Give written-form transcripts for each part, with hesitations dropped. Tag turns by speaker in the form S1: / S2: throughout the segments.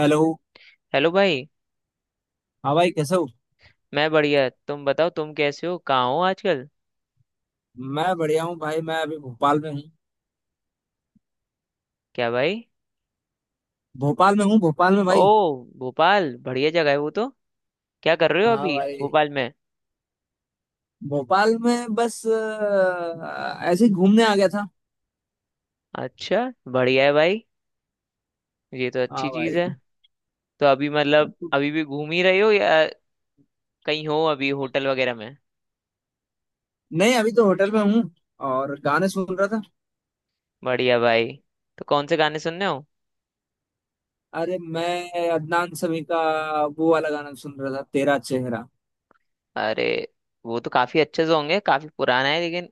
S1: Hello.
S2: Hello भाई।
S1: हाँ भाई, कैसे हो?
S2: मैं बढ़िया, तुम बताओ, तुम कैसे हो, कहाँ हो आजकल?
S1: मैं बढ़िया हूँ भाई, मैं अभी भोपाल में हूँ।
S2: क्या भाई।
S1: भोपाल में हूँ, भोपाल में
S2: ओ,
S1: भाई।
S2: भोपाल बढ़िया जगह है वो तो। क्या कर रहे हो
S1: हाँ
S2: अभी
S1: भाई,
S2: भोपाल में?
S1: भोपाल में बस ऐसे ही घूमने आ गया था।
S2: अच्छा, बढ़िया है भाई, ये तो अच्छी
S1: हाँ
S2: चीज़
S1: भाई।
S2: है। तो अभी अभी भी घूम ही रहे हो या कहीं हो अभी होटल वगैरह में?
S1: नहीं, अभी तो होटल में हूँ और गाने सुन रहा था।
S2: बढ़िया भाई। तो कौन से गाने सुन रहे हो?
S1: अरे, मैं अदनान समी का वो वाला गाना सुन रहा था, तेरा चेहरा।
S2: अरे, वो तो काफ़ी अच्छे से होंगे, काफ़ी पुराना है लेकिन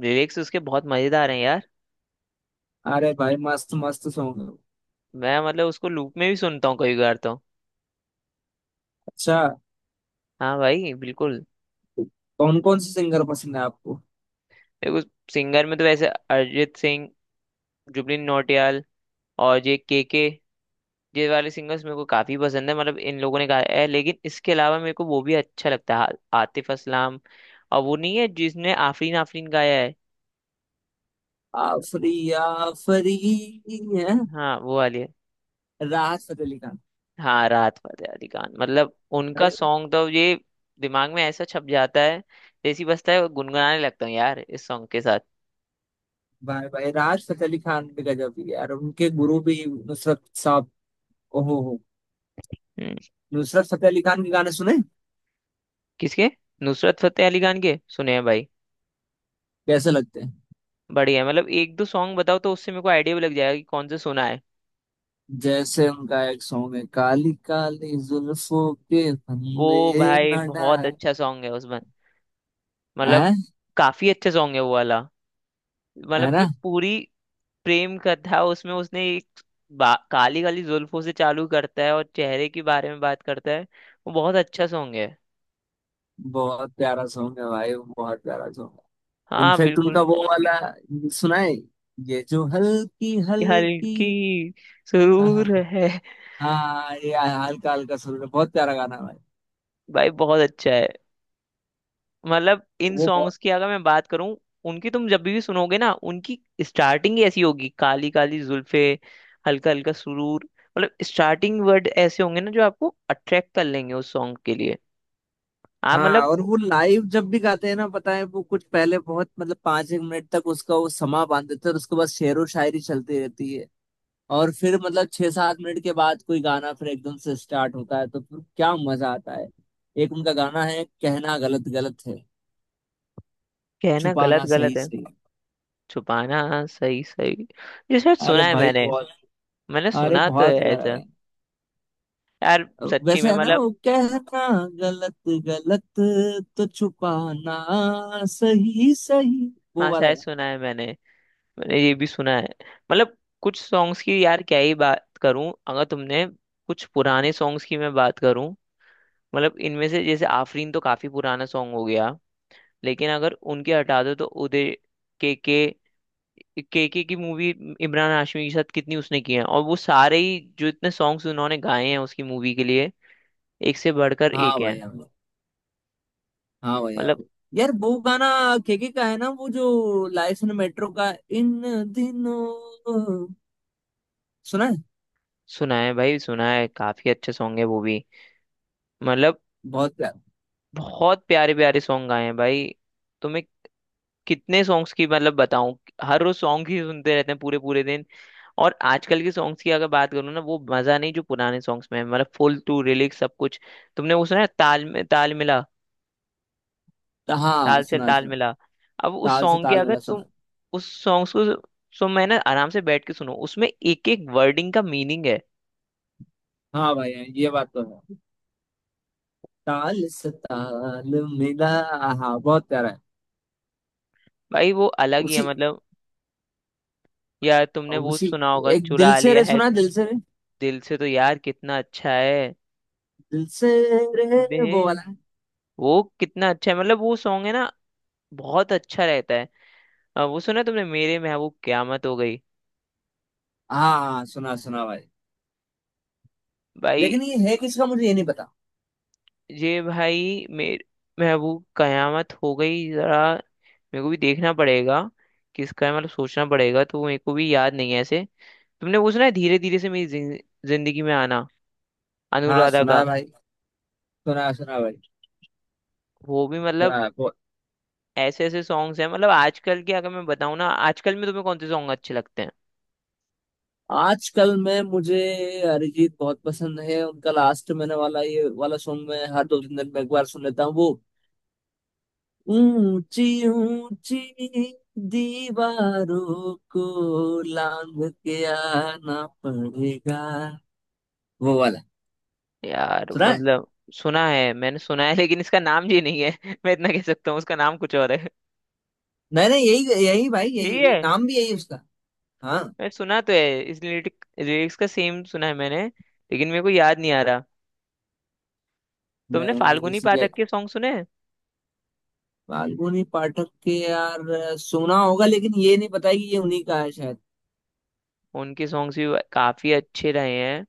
S2: लिरिक्स उसके बहुत मज़ेदार हैं यार।
S1: अरे भाई, मस्त मस्त सॉन्ग।
S2: मैं उसको लूप में भी सुनता हूँ कई बार तो।
S1: अच्छा।
S2: हाँ भाई बिल्कुल।
S1: कौन कौन से सिंगर पसंद है आपको?
S2: देखो, सिंगर में तो वैसे अरिजीत सिंह, जुबिन नौटियाल, और ये के, ये वाले सिंगर्स मेरे को काफी पसंद है। मतलब इन लोगों ने गाया है लेकिन इसके अलावा मेरे को वो भी अच्छा लगता है, आतिफ असलाम। और वो नहीं है जिसने आफरीन आफरीन गाया है।
S1: आफरी, आफरी है।
S2: हाँ वो वाली है।
S1: राहत फतेह अली खान।
S2: हाँ राहत फतेह अली खान। मतलब उनका
S1: अरे
S2: सॉन्ग तो ये दिमाग में ऐसा छप जाता है, जैसी बजता है गुनगुनाने लगता हूँ यार इस सॉन्ग के साथ।
S1: भाई, भाई राज फतेह अली खान भी गजब ही है यार, उनके गुरु भी नुसरत साहब। ओहो हो।
S2: हम्म।
S1: नुसरत फतेह अली खान के गाने सुने?
S2: किसके? नुसरत फतेह अली खान के सुने हैं भाई।
S1: कैसे लगते हैं?
S2: बढ़िया। मतलब एक दो सॉन्ग बताओ तो उससे मेरे को आइडिया भी लग जाएगा कि कौन सा सुना है।
S1: जैसे उनका एक सॉन्ग है, काली काली जुल्फों के
S2: वो
S1: फंदे
S2: भाई
S1: न
S2: बहुत
S1: डाल।
S2: अच्छा सॉन्ग है उसमें। मतलब
S1: है।
S2: काफी अच्छा सॉन्ग है वो वाला।
S1: है
S2: मतलब
S1: ना?
S2: जो पूरी प्रेम कथा उसमें, उसने एक काली काली जुल्फों से चालू करता है और चेहरे के बारे में बात करता है। वो बहुत अच्छा सॉन्ग है।
S1: बहुत प्यारा सॉन्ग है भाई, बहुत प्यारा सॉन्ग है।
S2: हाँ
S1: इनफेक्ट उनका
S2: बिल्कुल।
S1: वो वाला सुना है, ये जो हल्की
S2: ये
S1: हल्की।
S2: हल्की
S1: हाँ हाँ,
S2: सुरूर है।
S1: हाँ, ये हल्का हल्का सुन रहे, बहुत प्यारा गाना है भाई।
S2: भाई बहुत अच्छा है। मतलब इन
S1: वो
S2: सॉन्ग्स की अगर मैं बात करूं, उनकी तुम जब भी सुनोगे ना उनकी स्टार्टिंग ही ऐसी होगी, काली काली जुल्फे, हल्का हल्का सुरूर। मतलब स्टार्टिंग वर्ड ऐसे होंगे ना जो आपको अट्रैक्ट कर लेंगे उस सॉन्ग के लिए। आप
S1: हाँ,
S2: मतलब
S1: और वो लाइव जब भी गाते हैं ना, पता है वो कुछ पहले बहुत, मतलब 5 एक मिनट तक उसका वो समा बांध देते हैं और उसके बाद शेरो शायरी चलती रहती है। और फिर मतलब 6 7 मिनट के बाद कोई गाना फिर एकदम से स्टार्ट होता है, तो फिर क्या मजा आता है। एक उनका गाना है, कहना गलत गलत है,
S2: कहना गलत
S1: छुपाना सही
S2: गलत है,
S1: सही।
S2: छुपाना सही सही। ये शायद
S1: अरे
S2: सुना है
S1: भाई
S2: मैंने।
S1: बहुत।
S2: मैंने
S1: अरे,
S2: सुना तो है
S1: बहुत प्यारा
S2: ऐसा।
S1: है।
S2: यार सच्ची
S1: वैसे
S2: में
S1: है ना
S2: मतलब।
S1: वो, कहना गलत गलत, तो छुपाना सही सही, वो
S2: हाँ
S1: वाला
S2: शायद
S1: गाना।
S2: सुना है मैंने। मैंने ये भी सुना है। मतलब कुछ सॉन्ग्स की यार क्या ही बात करूं अगर तुमने। कुछ पुराने सॉन्ग्स की मैं बात करूं, मतलब इनमें से जैसे आफरीन तो काफी पुराना सॉन्ग हो गया, लेकिन अगर उनके हटा दो तो उदय, के, के की मूवी इमरान हाशमी के साथ कितनी उसने की है, और वो सारे ही जो इतने सॉन्ग्स उन्होंने गाए हैं उसकी मूवी के लिए एक से बढ़कर
S1: हाँ
S2: एक
S1: भाई।
S2: हैं।
S1: हाँ, हाँ भैया।
S2: मतलब
S1: यार वो गाना केके का है ना, वो जो लाइसन मेट्रो का, इन दिनों सुना है?
S2: सुना है भाई, सुना है, काफी अच्छे सॉन्ग है वो भी। मतलब
S1: बहुत प्यारा।
S2: बहुत प्यारे प्यारे सॉन्ग गाए हैं भाई। तुम्हें कितने सॉन्ग्स की मतलब बताऊं। हर रोज सॉन्ग ही सुनते रहते हैं पूरे पूरे दिन। और आजकल के सॉन्ग्स की अगर बात करूँ ना, वो मजा नहीं जो पुराने सॉन्ग्स में है। मतलब फुल टू रिलिक्स सब कुछ। तुमने वो सुना है, ताल में ताल मिला,
S1: हाँ
S2: ताल से
S1: सुना है,
S2: ताल
S1: सुना है।
S2: मिला? अब उस
S1: ताल से
S2: सॉन्ग के
S1: ताल
S2: अगर
S1: मिला सुना
S2: तुम
S1: है।
S2: उस सॉन्ग्स को सो, मैं ना आराम से बैठ के सुनो, उसमें एक एक वर्डिंग का मीनिंग है।
S1: हाँ भैया, ये बात तो है। ताल से ताल मिला। हाँ, बहुत प्यारा है।
S2: भाई वो अलग ही है,
S1: उसी
S2: मतलब। यार तुमने वो
S1: उसी
S2: सुना होगा
S1: एक दिल
S2: चुरा
S1: से
S2: लिया
S1: रे
S2: है।
S1: सुना है? दिल से रे,
S2: दिल से तो यार कितना अच्छा है
S1: दिल से रे, वो
S2: बे।
S1: वाला है।
S2: वो कितना अच्छा है। मतलब वो सॉन्ग है ना, बहुत अच्छा रहता है। वो सुना तुमने, मेरे महबूब क्यामत हो गई?
S1: हाँ हाँ, सुना सुना भाई।
S2: भाई।
S1: लेकिन ये है किसका, मुझे ये नहीं पता।
S2: ये भाई मेरे महबूब कयामत हो गई जरा मेरे को भी देखना पड़ेगा किसका है। मतलब सोचना पड़ेगा, तो मेरे को भी याद नहीं है ऐसे। तुमने वो सुना है धीरे धीरे से मेरी जिंदगी में आना,
S1: हाँ
S2: अनुराधा
S1: सुना है
S2: का?
S1: भाई, सुना सुना भाई।
S2: वो भी मतलब
S1: सुना है।
S2: ऐसे ऐसे सॉन्ग्स हैं। मतलब आजकल के अगर मैं बताऊं ना, आजकल में तुम्हें कौन से सॉन्ग अच्छे लगते हैं?
S1: आजकल में मुझे अरिजीत बहुत पसंद है, उनका लास्ट मैंने वाला ये वाला सॉन्ग मैं हर 2 3 दिन में एक बार सुन लेता हूँ, वो ऊंची ऊंची दीवारों को लांघ के आना पड़ेगा, वो वाला
S2: यार
S1: सुना है?
S2: मतलब सुना है, मैंने सुना है लेकिन इसका नाम ये नहीं है। मैं इतना कह सकता हूँ, उसका नाम कुछ और है।
S1: नहीं नहीं, यही यही भाई,
S2: यही
S1: यही
S2: है?
S1: नाम भी यही उसका। हाँ।
S2: मैं सुना तो है, इस लिरिक्स का सेम सुना है मैंने, लेकिन मेरे को याद नहीं आ रहा। तुमने
S1: मैंने
S2: फाल्गुनी
S1: इसी के,
S2: पाठक के सॉन्ग सुने हैं?
S1: फाल्गुनी पाठक के यार सुना होगा, लेकिन ये नहीं पता है कि ये उन्हीं का है शायद।
S2: उनके सॉन्ग्स भी काफी अच्छे रहे हैं।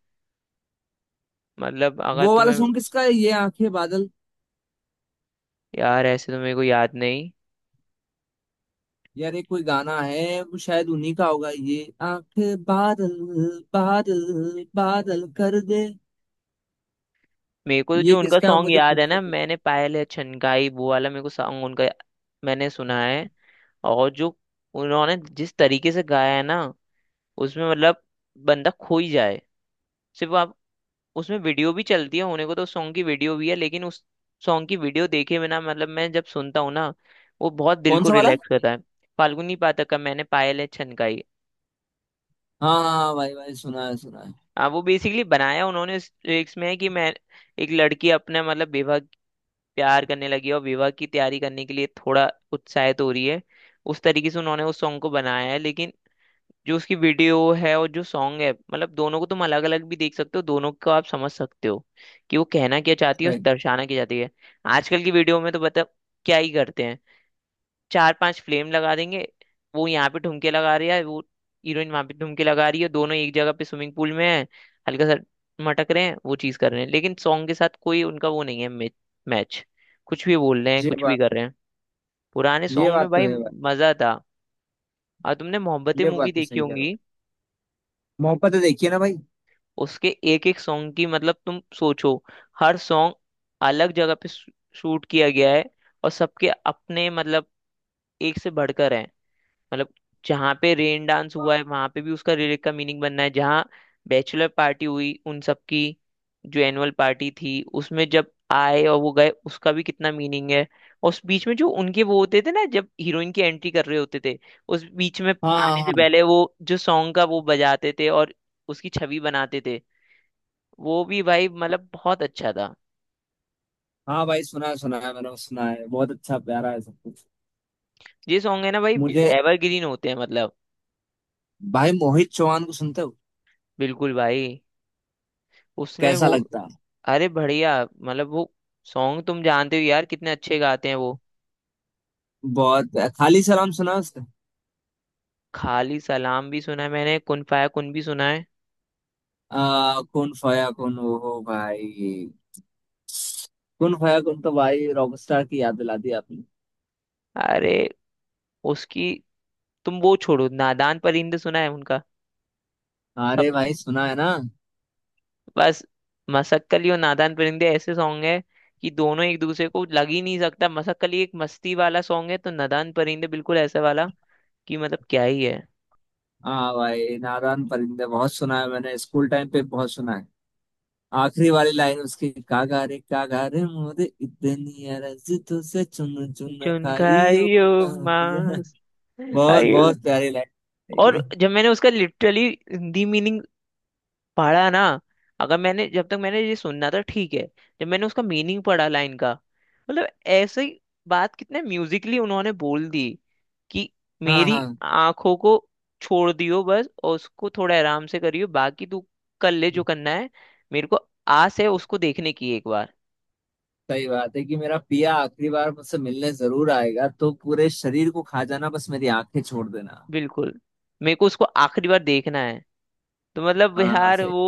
S2: मतलब अगर
S1: वो वाला
S2: तुम्हें।
S1: सॉन्ग किसका है, ये आंखें बादल।
S2: यार ऐसे तो मेरे को याद नहीं।
S1: यार ये कोई गाना है, वो शायद उन्हीं का होगा, ये आंखें बादल, बादल, बादल कर दे।
S2: मेरे को
S1: ये
S2: जो उनका
S1: किसका है,
S2: सॉन्ग
S1: मुझे
S2: याद
S1: खुद
S2: है
S1: को
S2: ना,
S1: पता-
S2: मैंने पायल है छनकाई, वो वाला मेरे को सॉन्ग उनका मैंने सुना है। और जो उन्होंने जिस तरीके से गाया है ना, उसमें मतलब बंदा खो ही जाए। सिर्फ आप उसमें वीडियो भी चलती है, होने को तो सॉन्ग की वीडियो भी है, लेकिन उस सॉन्ग की वीडियो देखे बिना मतलब मैं जब सुनता हूँ ना, वो बहुत दिल
S1: कौन
S2: को
S1: सा वाला?
S2: रिलैक्स करता है। फाल्गुनी पाठक का मैंने पायल है छनकाई।
S1: हाँ हाँ हाँ, भाई भाई, सुना है सुना है।
S2: वो बेसिकली बनाया उन्होंने इस लिरिक्स में है कि मैं, एक लड़की अपने मतलब विवाह, प्यार करने लगी है और विवाह की तैयारी करने के लिए थोड़ा उत्साहित हो रही है, उस तरीके से उन्होंने उस सॉन्ग को बनाया है। लेकिन जो उसकी वीडियो है और जो सॉन्ग है, मतलब दोनों को तुम अलग अलग भी देख सकते हो, दोनों को आप समझ सकते हो कि वो कहना क्या चाहती है और
S1: सही।
S2: दर्शाना क्या चाहती है। आजकल की वीडियो में तो बता क्या ही करते हैं, चार पांच फ्लेम लगा देंगे, वो यहाँ पे ठुमके लगा रही है, वो हीरोइन वहां पे ठुमके लगा रही है, दोनों एक जगह पे स्विमिंग पूल में है, हल्का सा मटक रहे हैं, वो चीज कर रहे हैं, लेकिन सॉन्ग के साथ कोई उनका वो नहीं है मैच। कुछ भी बोल रहे हैं
S1: ये
S2: कुछ भी
S1: बात,
S2: कर रहे हैं। पुराने
S1: ये
S2: सॉन्ग में
S1: बात तो
S2: भाई
S1: है भाई।
S2: मजा था। और तुमने मोहब्बतें
S1: ये
S2: मूवी
S1: बात तो
S2: देखी
S1: सही कह रहे हो।
S2: होंगी,
S1: मोहब्बत है, देखिए ना भाई।
S2: उसके एक एक सॉन्ग की मतलब तुम सोचो, हर सॉन्ग अलग जगह पे शूट किया गया है, और सबके अपने मतलब एक से बढ़कर हैं। मतलब जहाँ पे रेन डांस हुआ है वहां पे भी उसका लिरिक का मीनिंग बनना है, जहाँ बैचलर पार्टी हुई उन सबकी, जो एनुअल पार्टी थी उसमें जब आए और वो गए उसका भी कितना मीनिंग है। और उस बीच में जो उनके वो होते थे ना, जब हीरोइन की एंट्री कर रहे होते थे, उस बीच में
S1: हाँ
S2: आने
S1: हाँ
S2: से
S1: हाँ।
S2: पहले वो जो सॉन्ग का वो बजाते थे और उसकी छवि बनाते थे, वो भी भाई मतलब बहुत अच्छा था।
S1: हाँ भाई, सुना है सुना है, मैंने सुना है, बहुत अच्छा प्यारा है सब कुछ।
S2: ये सॉन्ग है ना भाई
S1: मुझे,
S2: एवरग्रीन होते हैं, मतलब।
S1: भाई मोहित चौहान को सुनते हो?
S2: बिल्कुल भाई। उसने
S1: कैसा
S2: वो,
S1: लगता है?
S2: अरे बढ़िया, मतलब वो सॉन्ग तुम जानते हो यार कितने अच्छे गाते हैं वो।
S1: बहुत। खाली सलाम सुना है उसका?
S2: खाली सलाम भी सुना है मैंने, कुन फाया कुन भी सुना है।
S1: आ, कौन फाया कौन, वो हो भाई, कौन खोया कौन, तो भाई रॉकस्टार की याद दिला दी आपने।
S2: अरे उसकी, तुम वो छोड़ो, नादान परिंदे सुना है उनका? सब,
S1: अरे भाई सुना है ना।
S2: बस, मसक्कली और नादान परिंदे ऐसे सॉन्ग है कि दोनों एक दूसरे को लग ही नहीं सकता। मसक्कली एक मस्ती वाला सॉन्ग है तो नादान परिंदे बिल्कुल ऐसा वाला कि मतलब क्या ही है।
S1: हाँ भाई, नादान परिंदे बहुत सुना है मैंने, स्कूल टाइम पे बहुत सुना है। आखिरी वाली लाइन उसकी, कागा रे मोरे, इतनी अरज तुझसे, चुन चुन
S2: जुनका
S1: खाइयो को
S2: यो
S1: मार।
S2: मास
S1: बहुत
S2: आयु।
S1: बहुत प्यारी लाइन।
S2: और जब मैंने उसका लिटरली हिंदी मीनिंग पढ़ा ना, अगर मैंने, जब तक मैंने ये सुनना था ठीक है, जब मैंने उसका मीनिंग पढ़ा लाइन का, मतलब ऐसे ही बात कितने म्यूजिकली उन्होंने बोल दी कि
S1: हाँ
S2: मेरी
S1: हाँ,
S2: आंखों को छोड़ दियो बस, और उसको थोड़ा आराम से करियो, बाकी तू कर ले जो करना है। मेरे को आस है उसको देखने की एक बार।
S1: सही बात है कि मेरा पिया आखिरी बार मुझसे मिलने जरूर आएगा, तो पूरे शरीर को खा जाना, बस मेरी आंखें छोड़ देना।
S2: बिल्कुल। मेरे को उसको आखिरी बार देखना है, तो मतलब
S1: हाँ
S2: यार
S1: सही।
S2: वो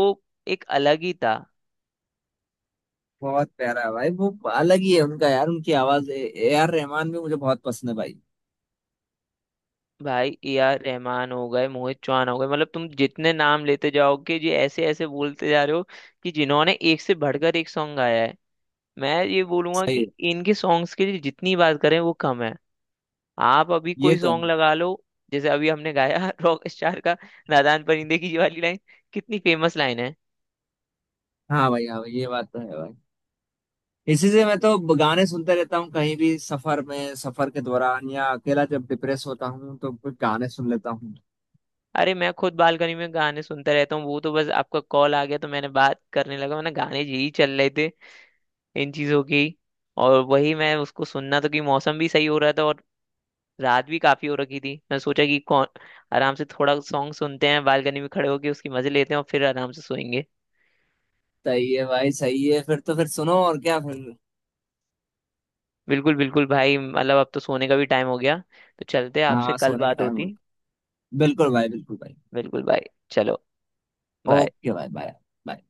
S2: एक अलग ही था।
S1: बहुत प्यारा है भाई, वो अलग ही है उनका यार, उनकी आवाज। A R रहमान भी मुझे बहुत पसंद है भाई।
S2: भाई ए आर रहमान हो गए, मोहित चौहान हो गए, मतलब तुम जितने नाम लेते जाओगे ये ऐसे ऐसे बोलते जा रहे हो कि जिन्होंने एक से बढ़कर एक सॉन्ग गाया है। मैं ये बोलूंगा
S1: सही है।
S2: कि इनके सॉन्ग्स के लिए जितनी बात करें वो कम है। आप अभी
S1: ये
S2: कोई
S1: तो
S2: सॉन्ग
S1: है।
S2: लगा लो, जैसे अभी हमने गाया रॉक स्टार का, नादान परिंदे की ये वाली लाइन कितनी फेमस लाइन है।
S1: हाँ भाई, हाँ भाई, ये बात तो है भाई। इसी से मैं तो गाने सुनते रहता हूँ, कहीं भी सफर में, सफर के दौरान या अकेला जब डिप्रेस होता हूँ तो कुछ गाने सुन लेता हूँ।
S2: अरे मैं खुद बालकनी में गाने सुनता रहता हूँ, वो तो बस आपका कॉल आ गया तो मैंने बात करने लगा, मैंने गाने यही चल रहे थे इन चीज़ों की। और वही मैं उसको सुनना, तो कि मौसम भी सही हो रहा था और रात भी काफ़ी हो रखी थी, मैं सोचा कि कौन, आराम से थोड़ा सॉन्ग सुनते हैं बालकनी में खड़े होके, उसकी मज़े लेते हैं और फिर आराम से सोएंगे।
S1: सही है भाई, सही है, फिर तो फिर सुनो और क्या फिर।
S2: बिल्कुल बिल्कुल भाई, मतलब अब तो सोने का भी टाइम हो गया, तो चलते हैं, आपसे
S1: हाँ
S2: कल
S1: सोने का
S2: बात
S1: टाइम हो
S2: होती।
S1: गया। बिल्कुल भाई, बिल्कुल भाई।
S2: बिल्कुल भाई। चलो, बाय।
S1: ओके भाई, बाय। बाय।